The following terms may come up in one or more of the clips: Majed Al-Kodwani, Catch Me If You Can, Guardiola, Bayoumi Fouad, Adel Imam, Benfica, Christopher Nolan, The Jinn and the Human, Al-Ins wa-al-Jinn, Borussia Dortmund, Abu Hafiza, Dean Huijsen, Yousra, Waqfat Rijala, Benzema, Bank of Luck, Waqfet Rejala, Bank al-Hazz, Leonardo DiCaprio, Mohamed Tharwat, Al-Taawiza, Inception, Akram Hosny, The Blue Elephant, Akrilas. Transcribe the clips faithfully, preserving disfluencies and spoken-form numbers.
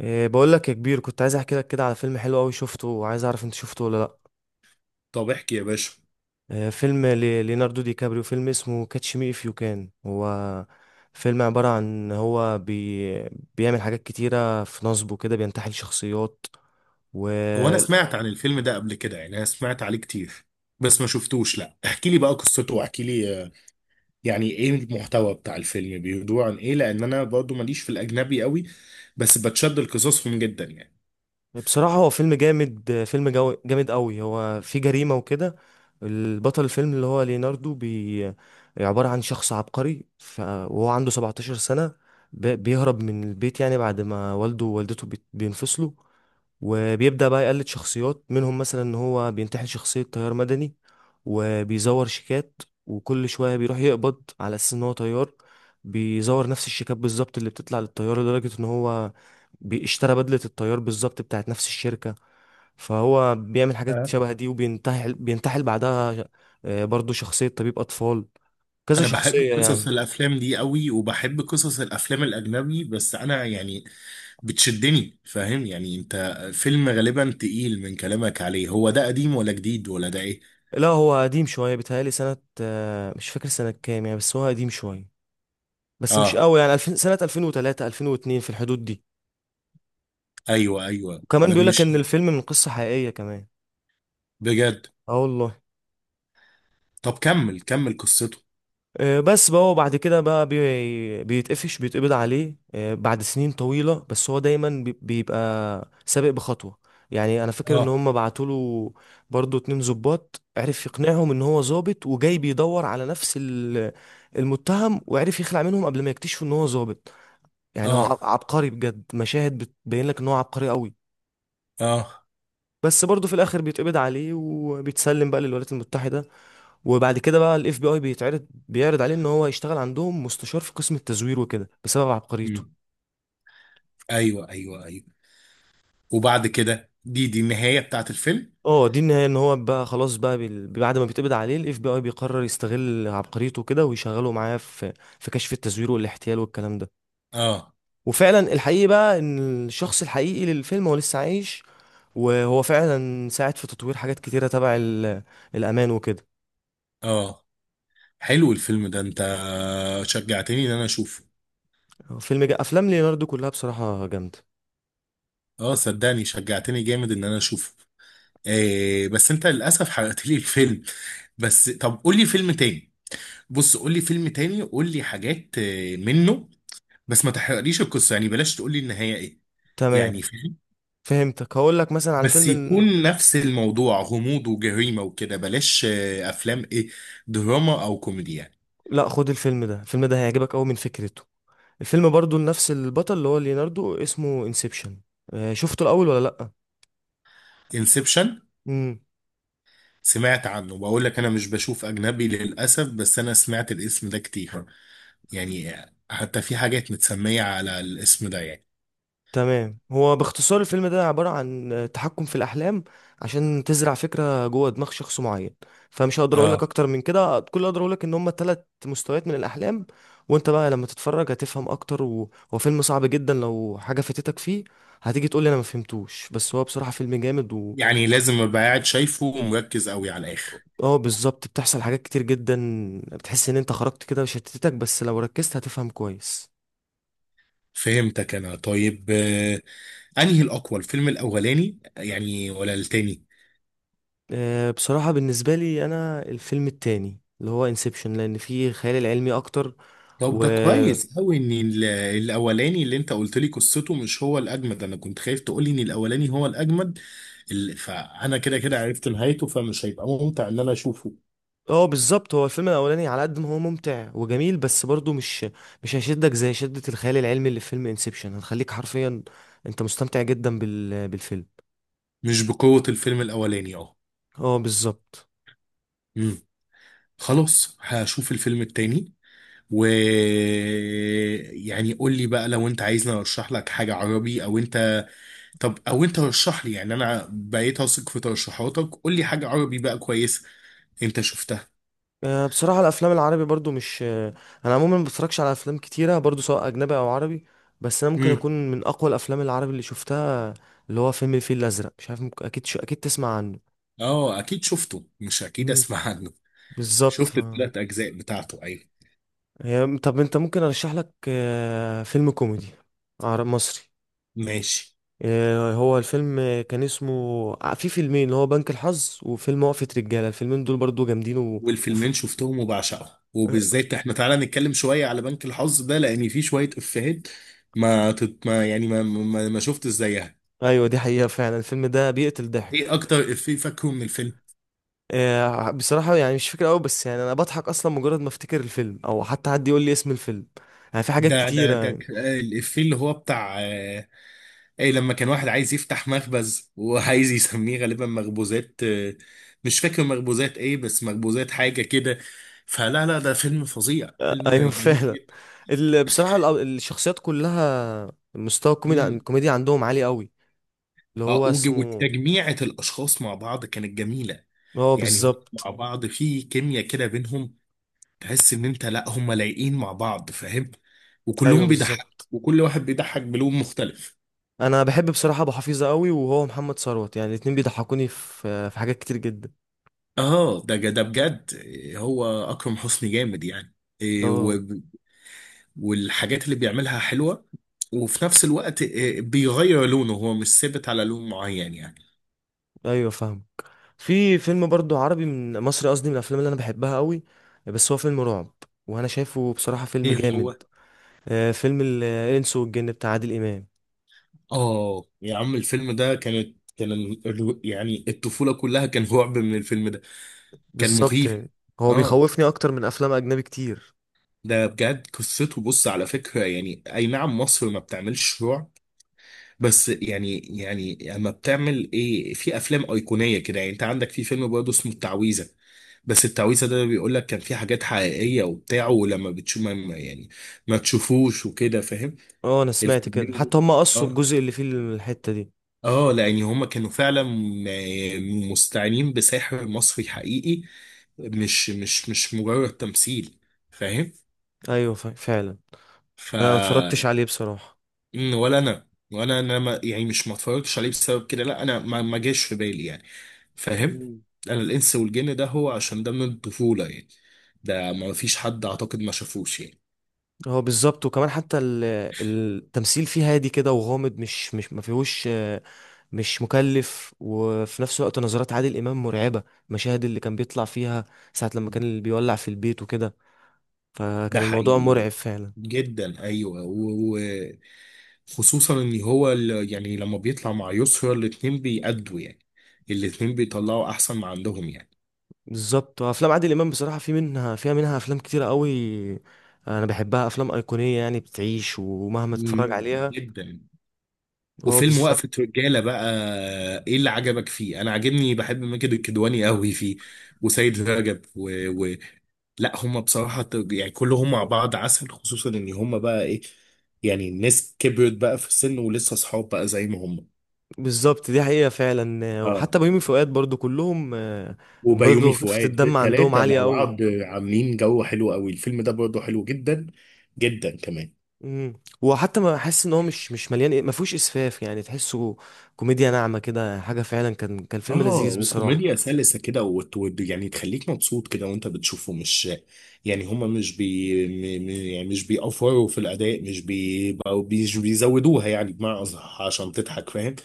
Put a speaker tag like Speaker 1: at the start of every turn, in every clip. Speaker 1: إيه بقول لك يا كبير، كنت عايز احكي لك كده على فيلم حلو قوي شفته، وعايز اعرف انت شفته ولا لا.
Speaker 2: طب احكي يا باشا.
Speaker 1: إيه فيلم ل- ليوناردو دي كابريو، فيلم اسمه كاتش مي اف يو كان. هو فيلم عبارة عن هو بي بيعمل حاجات كتيرة في نصبه كده، بينتحل شخصيات.
Speaker 2: هو انا سمعت عن الفيلم ده قبل كده، يعني انا سمعت عليه كتير بس ما شفتوش. لا احكي لي بقى قصته واحكي لي، آه، يعني ايه المحتوى بتاع الفيلم، بيدور عن ايه؟ لان انا برضو ماليش في الاجنبي قوي بس بتشد لقصصهم جدا يعني.
Speaker 1: بصراحة هو فيلم جامد، فيلم جو جامد قوي، هو فيه جريمة وكده. البطل الفيلم اللي هو ليناردو بي عبارة عن شخص عبقري ف... وهو عنده 17 سنة. ب... بيهرب من البيت يعني بعد ما والده ووالدته بي... بينفصلوا. وبيبدأ بقى يقلد شخصيات منهم، مثلا ان هو بينتحل شخصية طيار مدني، وبيزور شيكات، وكل شوية بيروح يقبض على اساس ان هو طيار. بيزور نفس الشيكات بالظبط اللي بتطلع للطيار، لدرجة ان هو بيشترى بدلة الطيار بالظبط بتاعت نفس الشركة. فهو بيعمل حاجات
Speaker 2: أه.
Speaker 1: شبه دي، وبينتحل بينتحل بعدها آه، برضو شخصية طبيب أطفال، كذا
Speaker 2: انا بحب
Speaker 1: شخصية
Speaker 2: قصص
Speaker 1: يعني.
Speaker 2: الافلام دي قوي وبحب قصص الافلام الاجنبي، بس انا يعني بتشدني، فاهم؟ يعني انت فيلم غالبا تقيل من كلامك عليه. هو ده قديم ولا جديد ولا ده ايه؟
Speaker 1: لا هو قديم شوية، بيتهيألي سنة، آه، مش فاكر سنة كام يعني، بس هو قديم شوية، بس مش
Speaker 2: اه،
Speaker 1: قوي، يعني ألفين سنة ألفين وثلاثة ألفين واثنين في الحدود دي.
Speaker 2: ايوه ايوه،
Speaker 1: وكمان
Speaker 2: ده
Speaker 1: بيقول لك
Speaker 2: مش
Speaker 1: ان الفيلم من قصة حقيقية كمان.
Speaker 2: بجد؟
Speaker 1: اه والله.
Speaker 2: طب كمل كمل قصته.
Speaker 1: آه، بس بقى هو بعد كده بقى بي... بيتقفش بيتقبض عليه آه، بعد سنين طويلة، بس هو دايما بي- بيبقى سابق بخطوة. يعني انا فاكر ان
Speaker 2: اه
Speaker 1: هم بعتوا له برضه اتنين ظباط، عرف يقنعهم ان هو ظابط وجاي بيدور على نفس ال- المتهم، وعرف يخلع منهم قبل ما يكتشفوا ان هو ظابط. يعني هو ع-
Speaker 2: اه
Speaker 1: عبقري بجد، مشاهد بتبين لك ان هو عبقري قوي.
Speaker 2: اه.
Speaker 1: بس برضه في الاخر بيتقبض عليه، وبيتسلم بقى للولايات المتحده. وبعد كده بقى الاف بي اي بيتعرض بيعرض عليه ان هو يشتغل عندهم مستشار في قسم التزوير وكده، بسبب عبقريته.
Speaker 2: مم. ايوه ايوه ايوه. وبعد كده دي دي النهايه بتاعت الفيلم؟
Speaker 1: اه دي النهايه، ان هو بقى خلاص بقى بال- بعد ما بيتقبض عليه الاف بي اي بيقرر يستغل عبقريته كده، ويشغله معاه في في كشف التزوير والاحتيال والكلام ده.
Speaker 2: اه
Speaker 1: وفعلا الحقيقي بقى ان الشخص الحقيقي للفيلم هو لسه عايش، وهو فعلا ساعد في تطوير حاجات كتيره تبع ال- الامان وكده.
Speaker 2: اه، حلو الفيلم ده، انت شجعتني ان انا اشوفه.
Speaker 1: فيلم جا... افلام ليوناردو كلها بصراحه جامده.
Speaker 2: اه صدقني شجعتني جامد ان انا اشوفه. آه، بس انت للاسف حرقت لي الفيلم. بس طب قول لي فيلم تاني. بص قول لي فيلم تاني، قول لي حاجات آه، منه. بس ما تحرقليش القصه يعني، بلاش تقول لي النهايه ايه.
Speaker 1: تمام،
Speaker 2: يعني.
Speaker 1: فهمتك، هقول لك مثلا على
Speaker 2: بس
Speaker 1: فيلم ال-
Speaker 2: يكون نفس الموضوع غموض وجريمة وكده، بلاش آه، أفلام إيه، دراما أو كوميدي يعني.
Speaker 1: لا، خد الفيلم ده، الفيلم ده هيعجبك قوي من فكرته. الفيلم برضو لنفس البطل اللي هو ليوناردو، اسمه انسبشن. شفته الاول ولا لا؟
Speaker 2: انسبشن؟
Speaker 1: امم.
Speaker 2: سمعت عنه، بقول لك أنا مش بشوف أجنبي للأسف بس أنا سمعت الاسم ده كتير، يعني آه، حتى في حاجات متسمية على الاسم ده يعني.
Speaker 1: تمام، هو باختصار الفيلم ده عبارة عن آه، تحكم في الاحلام، عشان تزرع فكرة جوه دماغ شخص معين. فمش هقدر اقول لك
Speaker 2: اه.
Speaker 1: اكتر من كده، كل اللي اقدر اقول لك ان هم ثلاث مستويات من الاحلام. وانت بقى لما تتفرج هتفهم اكتر و... هو فيلم صعب جدا، لو حاجة فاتتك فيه هتيجي تقول لي انا ما فهمتوش، بس هو بصراحة فيلم جامد.
Speaker 2: يعني لازم أبقى قاعد شايفه ومركز قوي على الآخر؟
Speaker 1: اه بالظبط، بتحصل حاجات كتير جدا، بتحس ان انت خرجت كده وشتتك، بس لو ركزت هتفهم كويس.
Speaker 2: فهمتك أنا، طيب آه، أنهي الأقوى، الفيلم الأولاني يعني ولا التاني؟
Speaker 1: آه، بصراحة بالنسبة لي انا، الفيلم التاني اللي هو انسبشن، لان فيه خيال العلمي اكتر
Speaker 2: طب
Speaker 1: و
Speaker 2: ده كويس قوي ان ال- الاولاني اللي انت قلت لي قصته مش هو الاجمد، انا كنت خايف تقول لي ان الاولاني هو الاجمد. ال- فانا كده كده عرفت نهايته فمش هيبقى ممتع ان انا اشوفه.
Speaker 1: اه بالظبط، هو الفيلم الاولاني على قد ما هو ممتع وجميل، بس برضه مش مش هيشدك زي شدة الخيال العلمي اللي في فيلم انسبشن، هتخليك حرفيا انت مستمتع جدا بال... بالفيلم.
Speaker 2: مش بقوة الفيلم الاولاني، اه.
Speaker 1: اه بالظبط.
Speaker 2: امم. خلاص هشوف الفيلم التاني. و يعني قول لي بقى لو انت عايزني ارشح لك حاجة عربي او انت، طب او انت رشح لي، يعني انا بقيت اثق في ترشيحاتك، قول لي حاجة عربي بقى كويسة انت شفتها.
Speaker 1: آه، بصراحة الأفلام العربي برضو مش آه، أنا عموما ما بتفرجش على أفلام كتيرة برضو، سواء أجنبي أو عربي. بس أنا ممكن أكون من أقوى الأفلام العربي اللي شفتها، اللي هو فيلم الفيل الأزرق. مش عارف، ممكن أكيد شو... أكيد تسمع عنه.
Speaker 2: اه اكيد شفته، مش اكيد
Speaker 1: مم.
Speaker 2: اسمع عنه.
Speaker 1: بالظبط ف-
Speaker 2: شفت الثلاث اجزاء بتاعته، ايوه.
Speaker 1: هي- طب أنت، ممكن أرشح لك آه، فيلم كوميدي عربي مصري.
Speaker 2: ماشي.
Speaker 1: آه، هو الفيلم، آه، كان اسمه، آه، في فيلمين اللي هو بنك الحظ وفيلم وقفة رجالة، الفيلم الفيلمين دول برضو جامدين و... وف...
Speaker 2: والفيلمين شفتهم وبعشقهم،
Speaker 1: آه،
Speaker 2: وبالذات احنا تعالى نتكلم شويه على بنك الحظ ده لان فيه شويه افيهات. ما, تت... ما يعني ما ما, ما شفت زيها.
Speaker 1: أيوة دي حقيقة، فعلا الفيلم ده بيقتل
Speaker 2: ايه
Speaker 1: ضحك.
Speaker 2: اكتر افيه فاكره من الفيلم؟
Speaker 1: آه، بصراحة يعني مش فاكر قوي، بس يعني انا بضحك اصلا مجرد ما افتكر الفيلم، او حتى حد يقول لي اسم الفيلم، يعني في حاجات
Speaker 2: ده
Speaker 1: كتيرة
Speaker 2: ده ده
Speaker 1: يعني.
Speaker 2: ك- آه، الافيه اللي هو بتاع اي لما كان واحد عايز يفتح مخبز وعايز يسميه غالبا مخبوزات، آه، مش فاكر مخبوزات ايه، بس مخبوزات حاجه كده. فلا لا ده فيلم فظيع،
Speaker 1: آه،
Speaker 2: فيلم
Speaker 1: ايوه،
Speaker 2: جميل
Speaker 1: فعلا.
Speaker 2: جدا.
Speaker 1: ال- بصراحة الأب- الشخصيات كلها، مستوى الكوميديا
Speaker 2: امم.
Speaker 1: الكوميديا عندهم عالي قوي. اللي
Speaker 2: اه
Speaker 1: هو
Speaker 2: وج-
Speaker 1: اسمه،
Speaker 2: وتجميعة الاشخاص مع بعض كانت جميله.
Speaker 1: هو
Speaker 2: يعني هم
Speaker 1: بالظبط.
Speaker 2: مع بعض في كيمياء كده بينهم، تحس ان انت لا هم لايقين مع بعض، فاهم.
Speaker 1: ايوه
Speaker 2: وكلهم بيضحك
Speaker 1: بالظبط.
Speaker 2: وكل واحد بيضحك بلون مختلف.
Speaker 1: انا بحب بصراحة ابو حفيظة قوي، وهو محمد ثروت، يعني الاتنين بيضحكوني في في حاجات كتير جدا.
Speaker 2: اه ده ده بجد إيه، هو اكرم حسني جامد يعني.
Speaker 1: اه
Speaker 2: والحاجات اللي بيعملها حلوة، وفي نفس الوقت آه، بيغير لونه، هو مش ثابت على لون معين يعني.
Speaker 1: ايوه فاهم. في فيلم برضو عربي من مصري قصدي، من الافلام اللي انا بحبها قوي، بس هو فيلم رعب، وانا شايفه بصراحة فيلم
Speaker 2: ايه
Speaker 1: جامد.
Speaker 2: هو؟
Speaker 1: آه، فيلم ال- الانس والجن بتاع عادل امام.
Speaker 2: اه يا عم، الفيلم ده كانت كان ال- ال- يعني الطفولة كلها كان رعب من الفيلم ده. كان
Speaker 1: بالظبط
Speaker 2: مخيف.
Speaker 1: يعني، هو
Speaker 2: اه
Speaker 1: بيخوفني اكتر من افلام اجنبي كتير.
Speaker 2: ده بجد قصته، بص على فكرة يعني، اي نعم مصر ما بتعملش رعب، بس يعني يعني اما بتعمل ايه في افلام ايقونيه كده يعني. انت عندك في فيلم برضه اسمه التعويذه، بس التعويذه ده بيقول لك كان في حاجات حقيقيه وبتاع، ولما بتشوف ما ما- يعني ما تشوفوش وكده، فاهم.
Speaker 1: اه انا سمعت كده،
Speaker 2: الفيلمين دول.
Speaker 1: حتى هم قصوا
Speaker 2: اه
Speaker 1: الجزء اللي فيه الحتة دي.
Speaker 2: اه لان هما كانوا فعلا م- مستعينين بساحر مصري حقيقي، مش مش مش مجرد تمثيل،
Speaker 1: ايوه ف- فعلا. انا ما اتفرجتش
Speaker 2: فاهم.
Speaker 1: عليه بصراحة.
Speaker 2: مم، ولا انا، وانا انا ما يعني، مش ما اتفرجتش عليه بسبب كده، لا انا ما ما جاش في بالي يعني، فاهم.
Speaker 1: مم.
Speaker 2: انا الانس والجن ده، هو عشان ده من الطفوله يعني، ده ما فيش حد اعتقد ما شافوش يعني.
Speaker 1: هو بالظبط، وكمان حتى ال- التمثيل فيه هادي كده وغامض، مش مش ما فيهوش، آه، مش مكلف، وفي نفس الوقت نظرات عادل امام مرعبه، المشاهد اللي كان بيطلع فيها ساعه لما كان اللي بيولع في البيت وكده،
Speaker 2: ده
Speaker 1: فكان الموضوع
Speaker 2: حقيقي
Speaker 1: مرعب فعلا.
Speaker 2: جدا ايوه. وخصوصا ان هو ال- يعني لما بيطلع مع يسرا، الاتنين بيأدوا يعني، الاتنين بيطلعوا احسن ما عندهم يعني.
Speaker 1: بالظبط، وافلام عادل امام بصراحه في منها فيها منها افلام كتيره قوي، انا بحبها افلام ايقونيه يعني بتعيش ومهما تتفرج
Speaker 2: مم،
Speaker 1: عليها.
Speaker 2: جدا.
Speaker 1: هو
Speaker 2: وفيلم
Speaker 1: بالظبط.
Speaker 2: وقفة رجالة بقى، ايه اللي عجبك فيه؟ انا عاجبني، بحب ماجد الكدواني قوي فيه، وسيد رجب و... و... لا هم بصراحة ت- يعني كلهم مع بعض عسل، خصوصا ان هم بقى ايه، يعني الناس كبرت بقى في السن ولسه صحاب بقى زي ما هم.
Speaker 1: بالظبط دي حقيقه فعلا،
Speaker 2: اه
Speaker 1: وحتى بيومي فؤاد برضو كلهم، آه،
Speaker 2: وبيومي
Speaker 1: برضو خفه
Speaker 2: فؤاد
Speaker 1: الدم عندهم
Speaker 2: التلاتة
Speaker 1: عاليه
Speaker 2: مع
Speaker 1: قوي.
Speaker 2: بعض عاملين جو حلو قوي، الفيلم ده برضه حلو جدا جدا كمان.
Speaker 1: امم. وحتى ما حاسس ان هو مش مش مليان، ما فيهوش اسفاف يعني، تحسه كوميديا ناعمه كده، حاجه فعلا، كان كان فيلم
Speaker 2: اه
Speaker 1: لذيذ بصراحه.
Speaker 2: وكوميديا سلسة كده، وت- وت- يعني تخليك مبسوط كده وانت بتشوفه، مش يعني هما مش بي م- م- يعني مش بيأفوروا في الأداء، مش بي بقوا- مش بيزودوها يعني بمعنى أصح عشان تضحك، فاهم.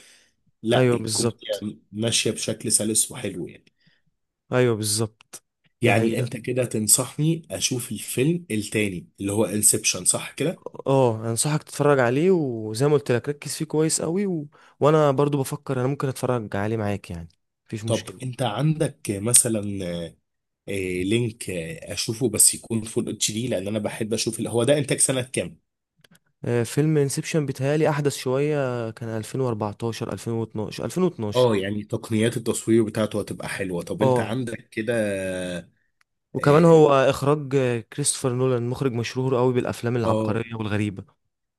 Speaker 2: لا
Speaker 1: ايوه
Speaker 2: الكوميديا
Speaker 1: بالظبط.
Speaker 2: ماشية بشكل سلس وحلو يعني.
Speaker 1: ايوه بالظبط، دي
Speaker 2: يعني
Speaker 1: حقيقه.
Speaker 2: انت كده تنصحني اشوف الفيلم التاني اللي هو انسبشن، صح كده؟
Speaker 1: اه انصحك تتفرج عليه، وزي ما قلت لك ركز فيه كويس قوي و... وانا برضو بفكر انا ممكن اتفرج عليه معاك يعني، مفيش
Speaker 2: طب
Speaker 1: مشكله.
Speaker 2: انت عندك مثلا آه، لينك آه، اشوفه، بس يكون فول اتش دي، لان انا بحب اشوف ال- هو ده انتاج سنة كام؟
Speaker 1: آه، فيلم انسبشن بيتهيألي احدث شويه، كان ألفين وأربعتاشر ألفين واتناشر ألفين واتناشر.
Speaker 2: اه يعني تقنيات التصوير بتاعته هتبقى حلوة، طب انت
Speaker 1: اه،
Speaker 2: عندك كده.
Speaker 1: وكمان
Speaker 2: اه.
Speaker 1: هو اخراج آه، كريستوفر نولان، مخرج مشهور قوي بالافلام
Speaker 2: آه.
Speaker 1: العبقريه والغريبه.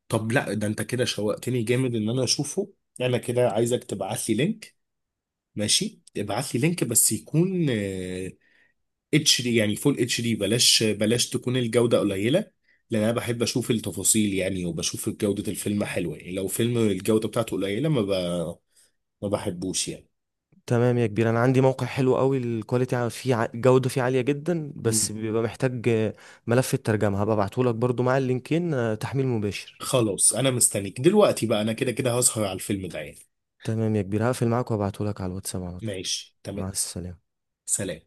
Speaker 2: طب لا ده انت كده شوقتني جامد ان انا اشوفه، انا كده عايزك تبعت لي لينك. ماشي، ابعت لي لينك بس يكون آه، اتش دي يعني فول اتش دي، بلاش بلاش تكون الجودة قليلة، لان انا بحب اشوف التفاصيل يعني، وبشوف جودة الفيلم حلوة يعني، لو فيلم الجودة بتاعته قليلة ما ب... ما بحبوش يعني.
Speaker 1: تمام يا كبير، انا عندي موقع حلو قوي، الكواليتي ع- فيه ع- الجوده فيه عاليه جدا، بس
Speaker 2: مم.
Speaker 1: بيبقى محتاج آه، ملف الترجمه، هبقى ابعته لك برضو مع اللينكين، آه، تحميل مباشر.
Speaker 2: خلاص، انا مستنيك دلوقتي بقى، انا كده كده هسهر على الفيلم ده يعني.
Speaker 1: تمام يا كبير، هقفل معاك وابعته لك على الواتساب على طول.
Speaker 2: ماشي
Speaker 1: مع
Speaker 2: تمام.
Speaker 1: السلامه.
Speaker 2: سلام.